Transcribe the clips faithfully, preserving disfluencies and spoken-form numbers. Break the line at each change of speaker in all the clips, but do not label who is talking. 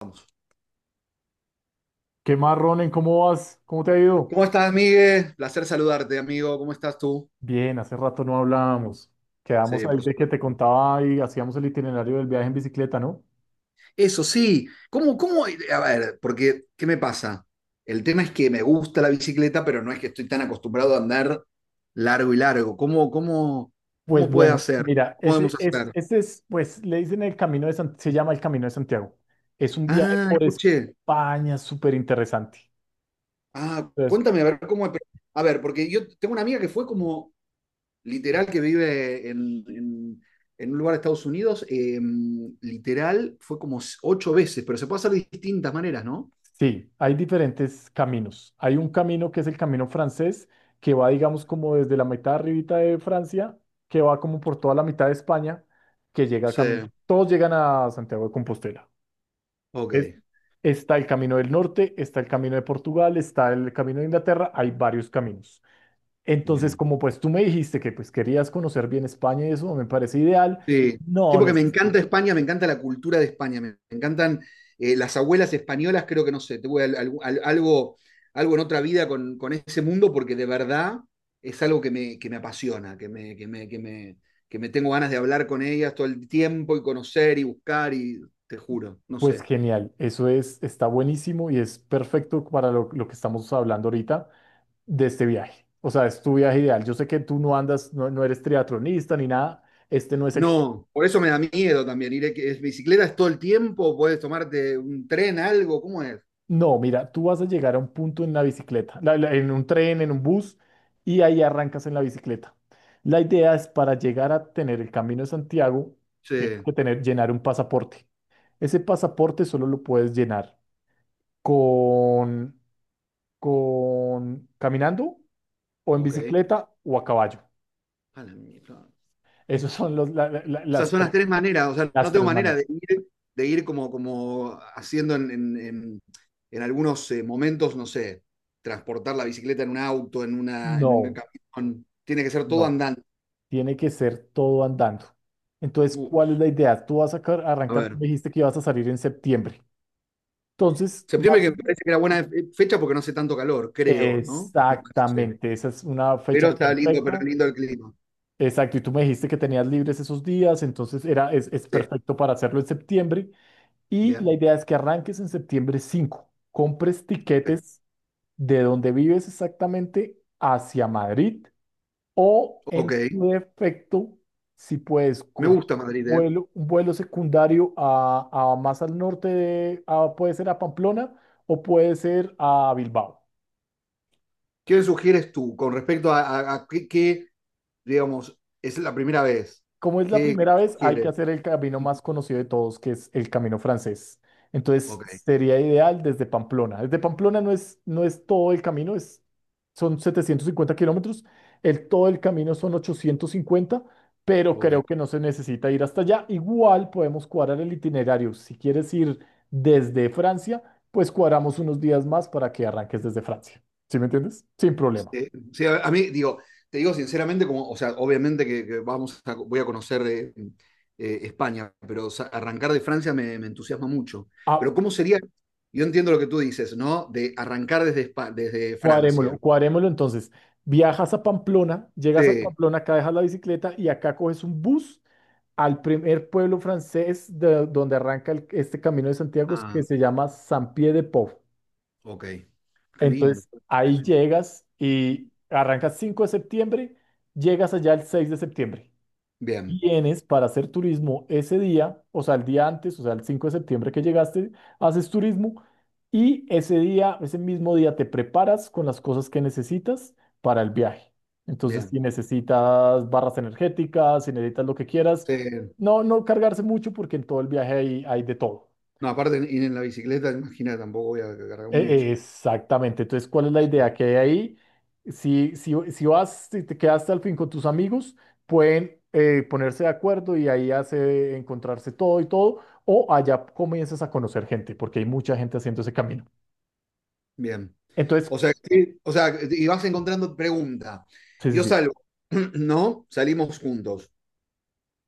Vamos.
¿Qué más, Ronen? ¿Cómo vas? ¿Cómo te ha ido?
¿Cómo estás, Miguel? Placer saludarte, amigo. ¿Cómo estás tú?
Bien, hace rato no hablábamos. Quedamos
Sí,
ahí
por
de que te
supuesto.
contaba y hacíamos el itinerario del viaje en bicicleta, ¿no?
Eso sí. ¿Cómo, cómo? A ver, porque, ¿qué me pasa? El tema es que me gusta la bicicleta, pero no es que estoy tan acostumbrado a andar largo y largo. ¿Cómo, cómo,
Pues
cómo puede
bueno,
hacer?
mira,
¿Cómo
ese
podemos
es,
hacer?
ese es, pues le dicen el Camino de San- se llama el Camino de Santiago. Es un viaje
Ah,
por
escuché.
España súper interesante.
Ah,
Entonces.
cuéntame, a ver cómo. A ver, porque yo tengo una amiga que fue como literal que vive en, en, en un lugar de Estados Unidos, eh, literal fue como ocho veces, pero se puede hacer de distintas maneras, ¿no?
Sí, hay diferentes caminos. Hay un camino que es el camino francés, que va, digamos, como desde la mitad arribita de Francia, que va como por toda la mitad de España, que llega a
Sí,
camino. Todos llegan a Santiago de Compostela.
ok,
Es- Está el camino del norte, está el camino de Portugal, está el camino de Inglaterra, hay varios caminos. Entonces,
bien.
como pues tú me dijiste que pues querías conocer bien España y eso me parece ideal,
Sí, sí,
no
porque me encanta
necesitas.
España, me encanta la cultura de España, me, me encantan eh, las abuelas españolas, creo que no sé, tuve al- al- al- algo, algo, en otra vida con, con ese mundo porque de verdad es algo que me, que me, apasiona, que me, que me, que me, que me tengo ganas de hablar con ellas todo el tiempo y conocer y buscar y te juro, no
Pues
sé.
genial, eso es, está buenísimo y es perfecto para lo lo que estamos hablando ahorita de este viaje. O sea, es tu viaje ideal. Yo sé que tú no andas, no, no eres triatlonista ni nada. Este no es el.
No, por eso me da miedo también ir. Es bicicleta es todo el tiempo, puedes tomarte un tren, algo, ¿cómo es?
No, mira, tú vas a llegar a un punto en la bicicleta, la- la- en un tren, en un bus, y ahí arrancas en la bicicleta. La idea es para llegar a tener el Camino de Santiago, tienes
Sí,
que tener, llenar un pasaporte. Ese pasaporte solo lo puedes llenar con, con caminando o en
ok.
bicicleta o a caballo.
A la mierda.
Esos son los, la- la- la-
Esas
las
son las
tres,
tres maneras, o sea, no
las
tengo
tres
manera
maneras.
de ir, de ir, como, como haciendo en, en- en- en algunos eh, momentos, no sé, transportar la bicicleta en un auto, en una, en un
No,
camión. Tiene que ser todo
no.
andando.
Tiene que ser todo andando. Entonces, ¿cuál es
Uf,
la idea? Tú vas a car-
a
arrancar, tú
ver.
me dijiste que ibas a salir en septiembre. Entonces,
Septiembre que
marzo,
me parece que era buena fe- fecha porque no hace tanto calor, creo, ¿no? Me parece.
exactamente, esa es una
Pero
fecha
está lindo, pero
perfecta.
lindo el clima.
Exacto, y tú me dijiste que tenías libres esos días, entonces era, es, es
Sí,
perfecto para hacerlo en septiembre. Y la
bien.
idea es que arranques en septiembre cinco, compres
Ok.
tiquetes de donde vives exactamente hacia Madrid. O
Ok,
en su defecto, si puedes
me
coger
gusta Madrid, ¿eh?
vuelo, un vuelo secundario a, a más al norte, de- a- puede ser a Pamplona o puede ser a Bilbao.
¿Qué me sugieres tú con respecto a, a- a qué, qué, digamos, es la primera vez?
Como es la
¿Qué, qué
primera
me
vez, hay que
sugieres?
hacer el camino más conocido de todos, que es el camino francés. Entonces,
Ok,
sería ideal desde Pamplona. Desde Pamplona no es, no es todo el camino, es, son setecientos cincuenta kilómetros. El, todo el camino son ochocientos cincuenta, pero creo
ok.
que no se necesita ir hasta allá. Igual podemos cuadrar el itinerario. Si quieres ir desde Francia, pues cuadramos unos días más para que arranques desde Francia. ¿Sí me entiendes? Sin problema.
Sí, sí, a, a mí, digo, te digo sinceramente, como, o sea, obviamente que, que vamos a- voy a conocer eh, eh, España, pero o sea, arrancar de Francia me, me entusiasma mucho.
Ah,
Pero ¿cómo sería? Yo entiendo lo que tú dices, ¿no? De arrancar desde, Espa- desde
Cuadrémoslo,
Francia.
cuadrémoslo entonces. Viajas a Pamplona, llegas a
Sí.
Pamplona, acá dejas la bicicleta y acá coges un bus al primer pueblo francés de donde arranca el- este Camino de Santiago, que
Ah,
se llama San Pie de Pau.
ok. Qué lindo.
Entonces ahí
Eso.
llegas y arrancas cinco de septiembre, llegas allá el seis de septiembre.
Bien,
Vienes para hacer turismo ese día, o sea, el día antes, o sea, el cinco de septiembre que llegaste, haces turismo y ese día, ese mismo día te preparas con las cosas que necesitas para el viaje. Entonces,
bien.
si necesitas barras energéticas, si necesitas lo que quieras,
Sí.
no, no cargarse mucho porque en todo el viaje hay, hay de todo.
No, aparte ir en la bicicleta, imagina, tampoco voy a cargar mucho.
E- Exactamente. Entonces, ¿cuál es la idea que hay ahí? Si, si, si vas, si te quedas hasta el fin con tus amigos, pueden eh, ponerse de acuerdo y ahí hace encontrarse todo y todo, o allá comienzas a conocer gente, porque hay mucha gente haciendo ese camino.
Bien.
Entonces,
O sea, sí, o sea, y vas encontrando pregunta.
sí, sí,
Yo
sí,
salgo, ¿no? Salimos juntos.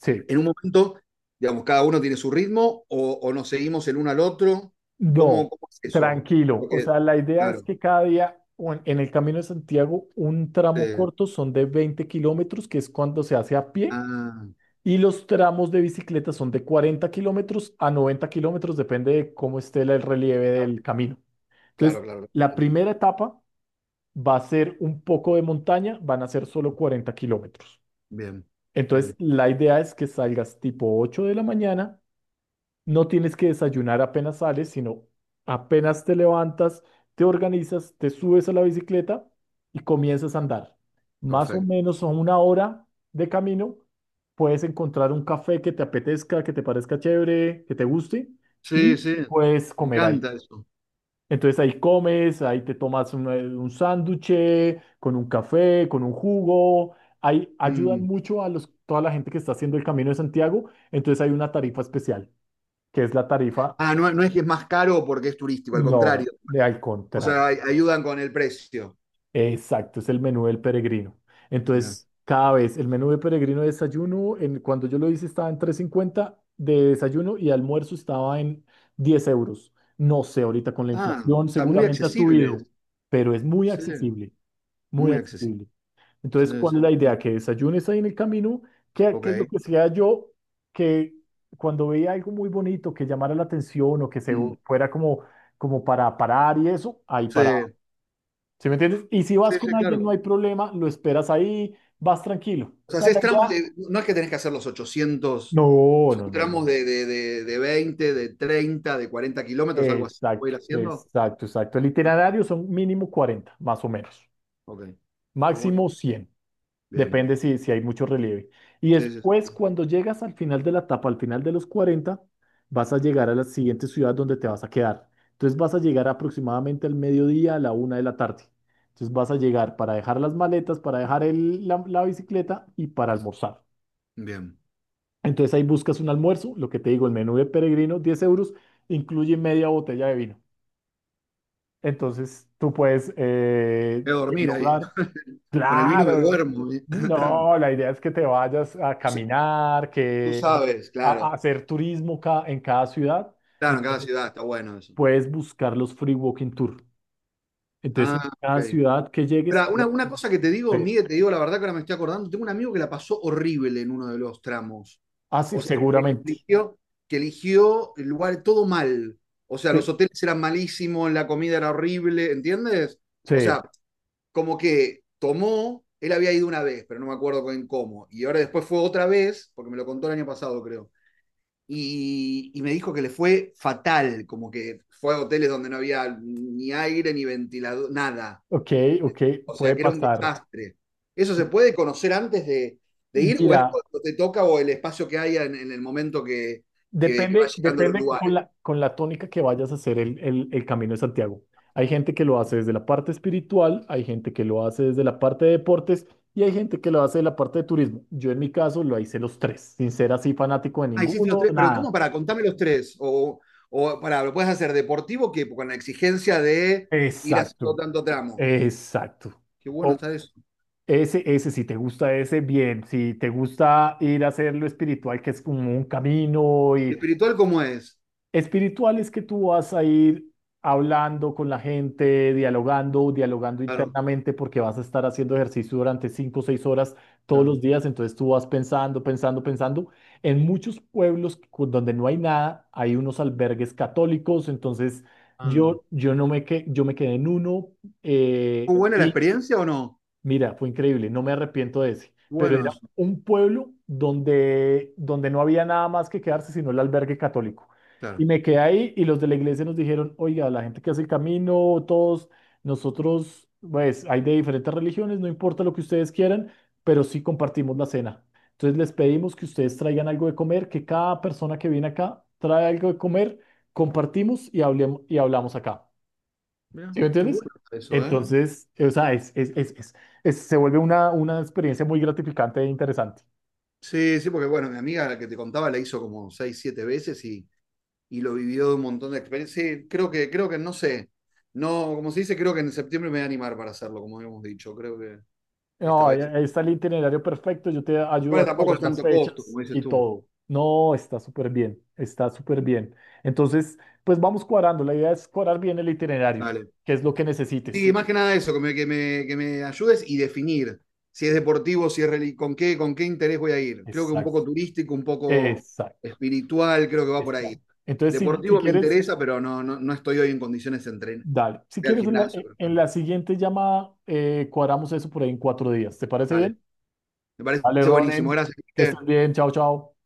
sí.
En un momento, digamos, cada uno tiene su ritmo o, o nos seguimos el uno al otro. ¿Cómo,
No,
cómo es eso?
tranquilo. O
Porque,
sea, la idea es
claro,
que cada día o en en el Camino de Santiago, un tramo
sí.
corto son de veinte kilómetros, que es cuando se hace a pie.
Ah,
Y los tramos de bicicleta son de cuarenta kilómetros a noventa kilómetros, depende de cómo esté la- el relieve del camino.
claro,
Entonces,
claro.
la
Bien,
primera etapa va a ser un poco de montaña, van a ser solo cuarenta kilómetros.
bien,
Entonces,
bien,
la idea es que salgas tipo ocho de la mañana. No tienes que desayunar apenas sales, sino apenas te levantas, te organizas, te subes a la bicicleta y comienzas a andar. Más o
perfecto.
menos a una hora de camino, puedes encontrar un café que te apetezca, que te parezca chévere, que te guste y
Sí, sí,
puedes
me
comer ahí.
encanta eso.
Entonces ahí comes, ahí te tomas un, eh, un sándwich con un café, con un jugo. Ahí ayudan
Mm.
mucho a los, toda la gente que está haciendo el Camino de Santiago. Entonces hay una tarifa especial que es la tarifa.
Ah, no, no es que es más caro porque es turístico, al
No,
contrario.
de al
O
contrario.
sea, ay- ayudan con el precio.
Exacto, es el menú del peregrino.
Mirá.
Entonces, cada vez el menú del peregrino de desayuno, en, cuando yo lo hice estaba en tres cincuenta de desayuno y almuerzo estaba en diez euros. No sé, ahorita con la
Ah, o
inflación
sea, muy
seguramente ha
accesibles.
subido, pero es muy
Sí,
accesible, muy
muy accesibles.
accesible. Entonces,
Sí, sí,
¿cuál es la
sí.
idea? Que desayunes ahí en el camino. ¿Qué, qué es lo
Ok.
que sea yo que cuando veía algo muy bonito que llamara la atención o que se
Mm.
fuera como, como para parar y eso, ahí
Sí,
para. ¿Sí me entiendes? Y si vas
sí,
con
sí,
alguien, no
claro.
hay problema, lo esperas ahí, vas tranquilo.
O
O
sea,
sea, la
haces tramos
idea.
de, no es que tenés que hacer los ochocientos,
No, no,
son
no.
tramos de, de, de, de veinte, de treinta, de cuarenta kilómetros, algo así. ¿Puedo
Exacto,
ir haciendo?
exacto, exacto. El
Ah,
itinerario son mínimo cuarenta, más o menos.
ok. Qué bueno.
Máximo cien.
Bien.
Depende si, si hay mucho relieve. Y
Sí, sí, sí.
después, cuando llegas al final de la etapa, al final de los cuarenta, vas a llegar a la siguiente ciudad donde te vas a quedar. Entonces vas a llegar aproximadamente al mediodía, a la una de la tarde. Entonces vas a llegar para dejar las maletas, para dejar el- la la bicicleta y para almorzar.
Bien.
Entonces ahí buscas un almuerzo, lo que te digo, el menú de peregrino, diez euros, incluye media botella de vino. Entonces tú puedes eh,
Voy a dormir ahí.
dialogar.
Con el vino me
Claro.
duermo. ¿Vi?
No, la idea es que te vayas a caminar,
Tú
que vayas
sabes,
a,
claro.
a hacer turismo ca- en cada ciudad.
Claro, en cada
Entonces
ciudad está bueno eso.
puedes buscar los free walking tour. Entonces
Ah,
en cada
ok.
ciudad que llegues,
Pero una, una cosa que te digo,
te-
Miguel, te digo la verdad que ahora me estoy acordando, tengo un amigo que la pasó horrible en uno de los tramos.
ah, sí,
O sea, que
seguramente.
eligió, que eligió el lugar todo mal. O sea,
Sí.
los hoteles eran malísimos, la comida era horrible, ¿entiendes? O
Sí.
sea, como que tomó, él había ido una vez, pero no me acuerdo con cómo. Y ahora después fue otra vez, porque me lo contó el año pasado, creo. Y, y me dijo que le fue fatal, como que fue a hoteles donde no había ni aire, ni ventilador, nada,
Ok, ok,
o sea,
puede
que era un
pasar.
desastre. ¿Eso se puede conocer antes de, de ir o es
Mira,
cuando te toca o el espacio que haya en, en el momento que, que, que va
Depende,
llegando a los
depende con
lugares?
la, con la tónica que vayas a hacer el, el- el Camino de Santiago. Hay gente que lo hace desde la parte espiritual, hay gente que lo hace desde la parte de deportes y hay gente que lo hace de la parte de turismo. Yo en mi caso lo hice los tres, sin ser así fanático de
Ah, hiciste los
ninguno,
tres, pero ¿cómo
nada.
para? Contame los tres. O, o para, ¿lo puedes hacer deportivo que con la exigencia de ir haciendo
Exacto,
tanto tramo?
exacto.
Qué bueno
O
está eso.
ese, ese, si te gusta ese, bien. Si te gusta ir a hacer lo espiritual, que es como un camino.
¿Y
Y
espiritual cómo es?
espiritual es que tú vas a ir hablando con la gente, dialogando, dialogando
Claro,
internamente, porque vas a estar haciendo ejercicio durante cinco o seis horas todos los
claro.
días. Entonces tú vas pensando, pensando, pensando. En muchos pueblos cu- donde no hay nada, hay unos albergues católicos. Entonces
Ah.
yo, yo no me, que, yo me quedé en uno. eh,
¿Fue buena la experiencia o no?
Mira, fue increíble, no me arrepiento de ese, pero
Bueno,
era
eso,
un pueblo donde, donde no había nada más que quedarse sino el albergue católico. Y
claro.
me quedé ahí y los de la iglesia nos dijeron: oiga, la gente que hace el camino, todos nosotros, pues hay de diferentes religiones, no importa lo que ustedes quieran, pero sí compartimos la cena. Entonces les pedimos que ustedes traigan algo de comer, que cada persona que viene acá trae algo de comer, compartimos y hablemos, y hablamos acá.
Mirá,
¿Sí me
qué bueno
entiendes?
está eso, ¿eh?
Entonces, o sea, es, es, es, es- es- se vuelve una, una experiencia muy gratificante e interesante.
Sí, sí, porque bueno, mi amiga la que te contaba la hizo como seis, siete veces y y lo vivió de un montón de experiencias. Sí, creo que, creo que, no sé. No, como se dice, creo que en septiembre me voy a animar para hacerlo, como habíamos dicho. Creo que esta
No,
vez.
ahí ahí está el itinerario perfecto, yo te ayudo
Bueno,
a
tampoco
cuadrar
es
las
tanto costo,
fechas
como dices
y
tú.
todo. No, está súper bien, está súper bien. Entonces, pues vamos cuadrando, la idea es cuadrar bien el itinerario,
Dale.
que es lo que necesites.
Sí, más que nada eso, que me, que me, que me ayudes y definir si es deportivo, si es reli- con qué, con qué interés voy a ir. Creo que un
Exacto,
poco turístico, un poco
exacto,
espiritual, creo que va por ahí.
exacto. Entonces, si, si
Deportivo me
quieres,
interesa, pero no, no, no estoy hoy en condiciones de entrenar.
dale. Si
Voy al
quieres, en la,
gimnasio, pero-
en
pero-
la siguiente llamada, eh, cuadramos eso por ahí en cuatro días. ¿Te parece
Vale.
bien?
Me parece
Vale,
buenísimo.
Ronen, que estés
Gracias.
bien, chao, chao.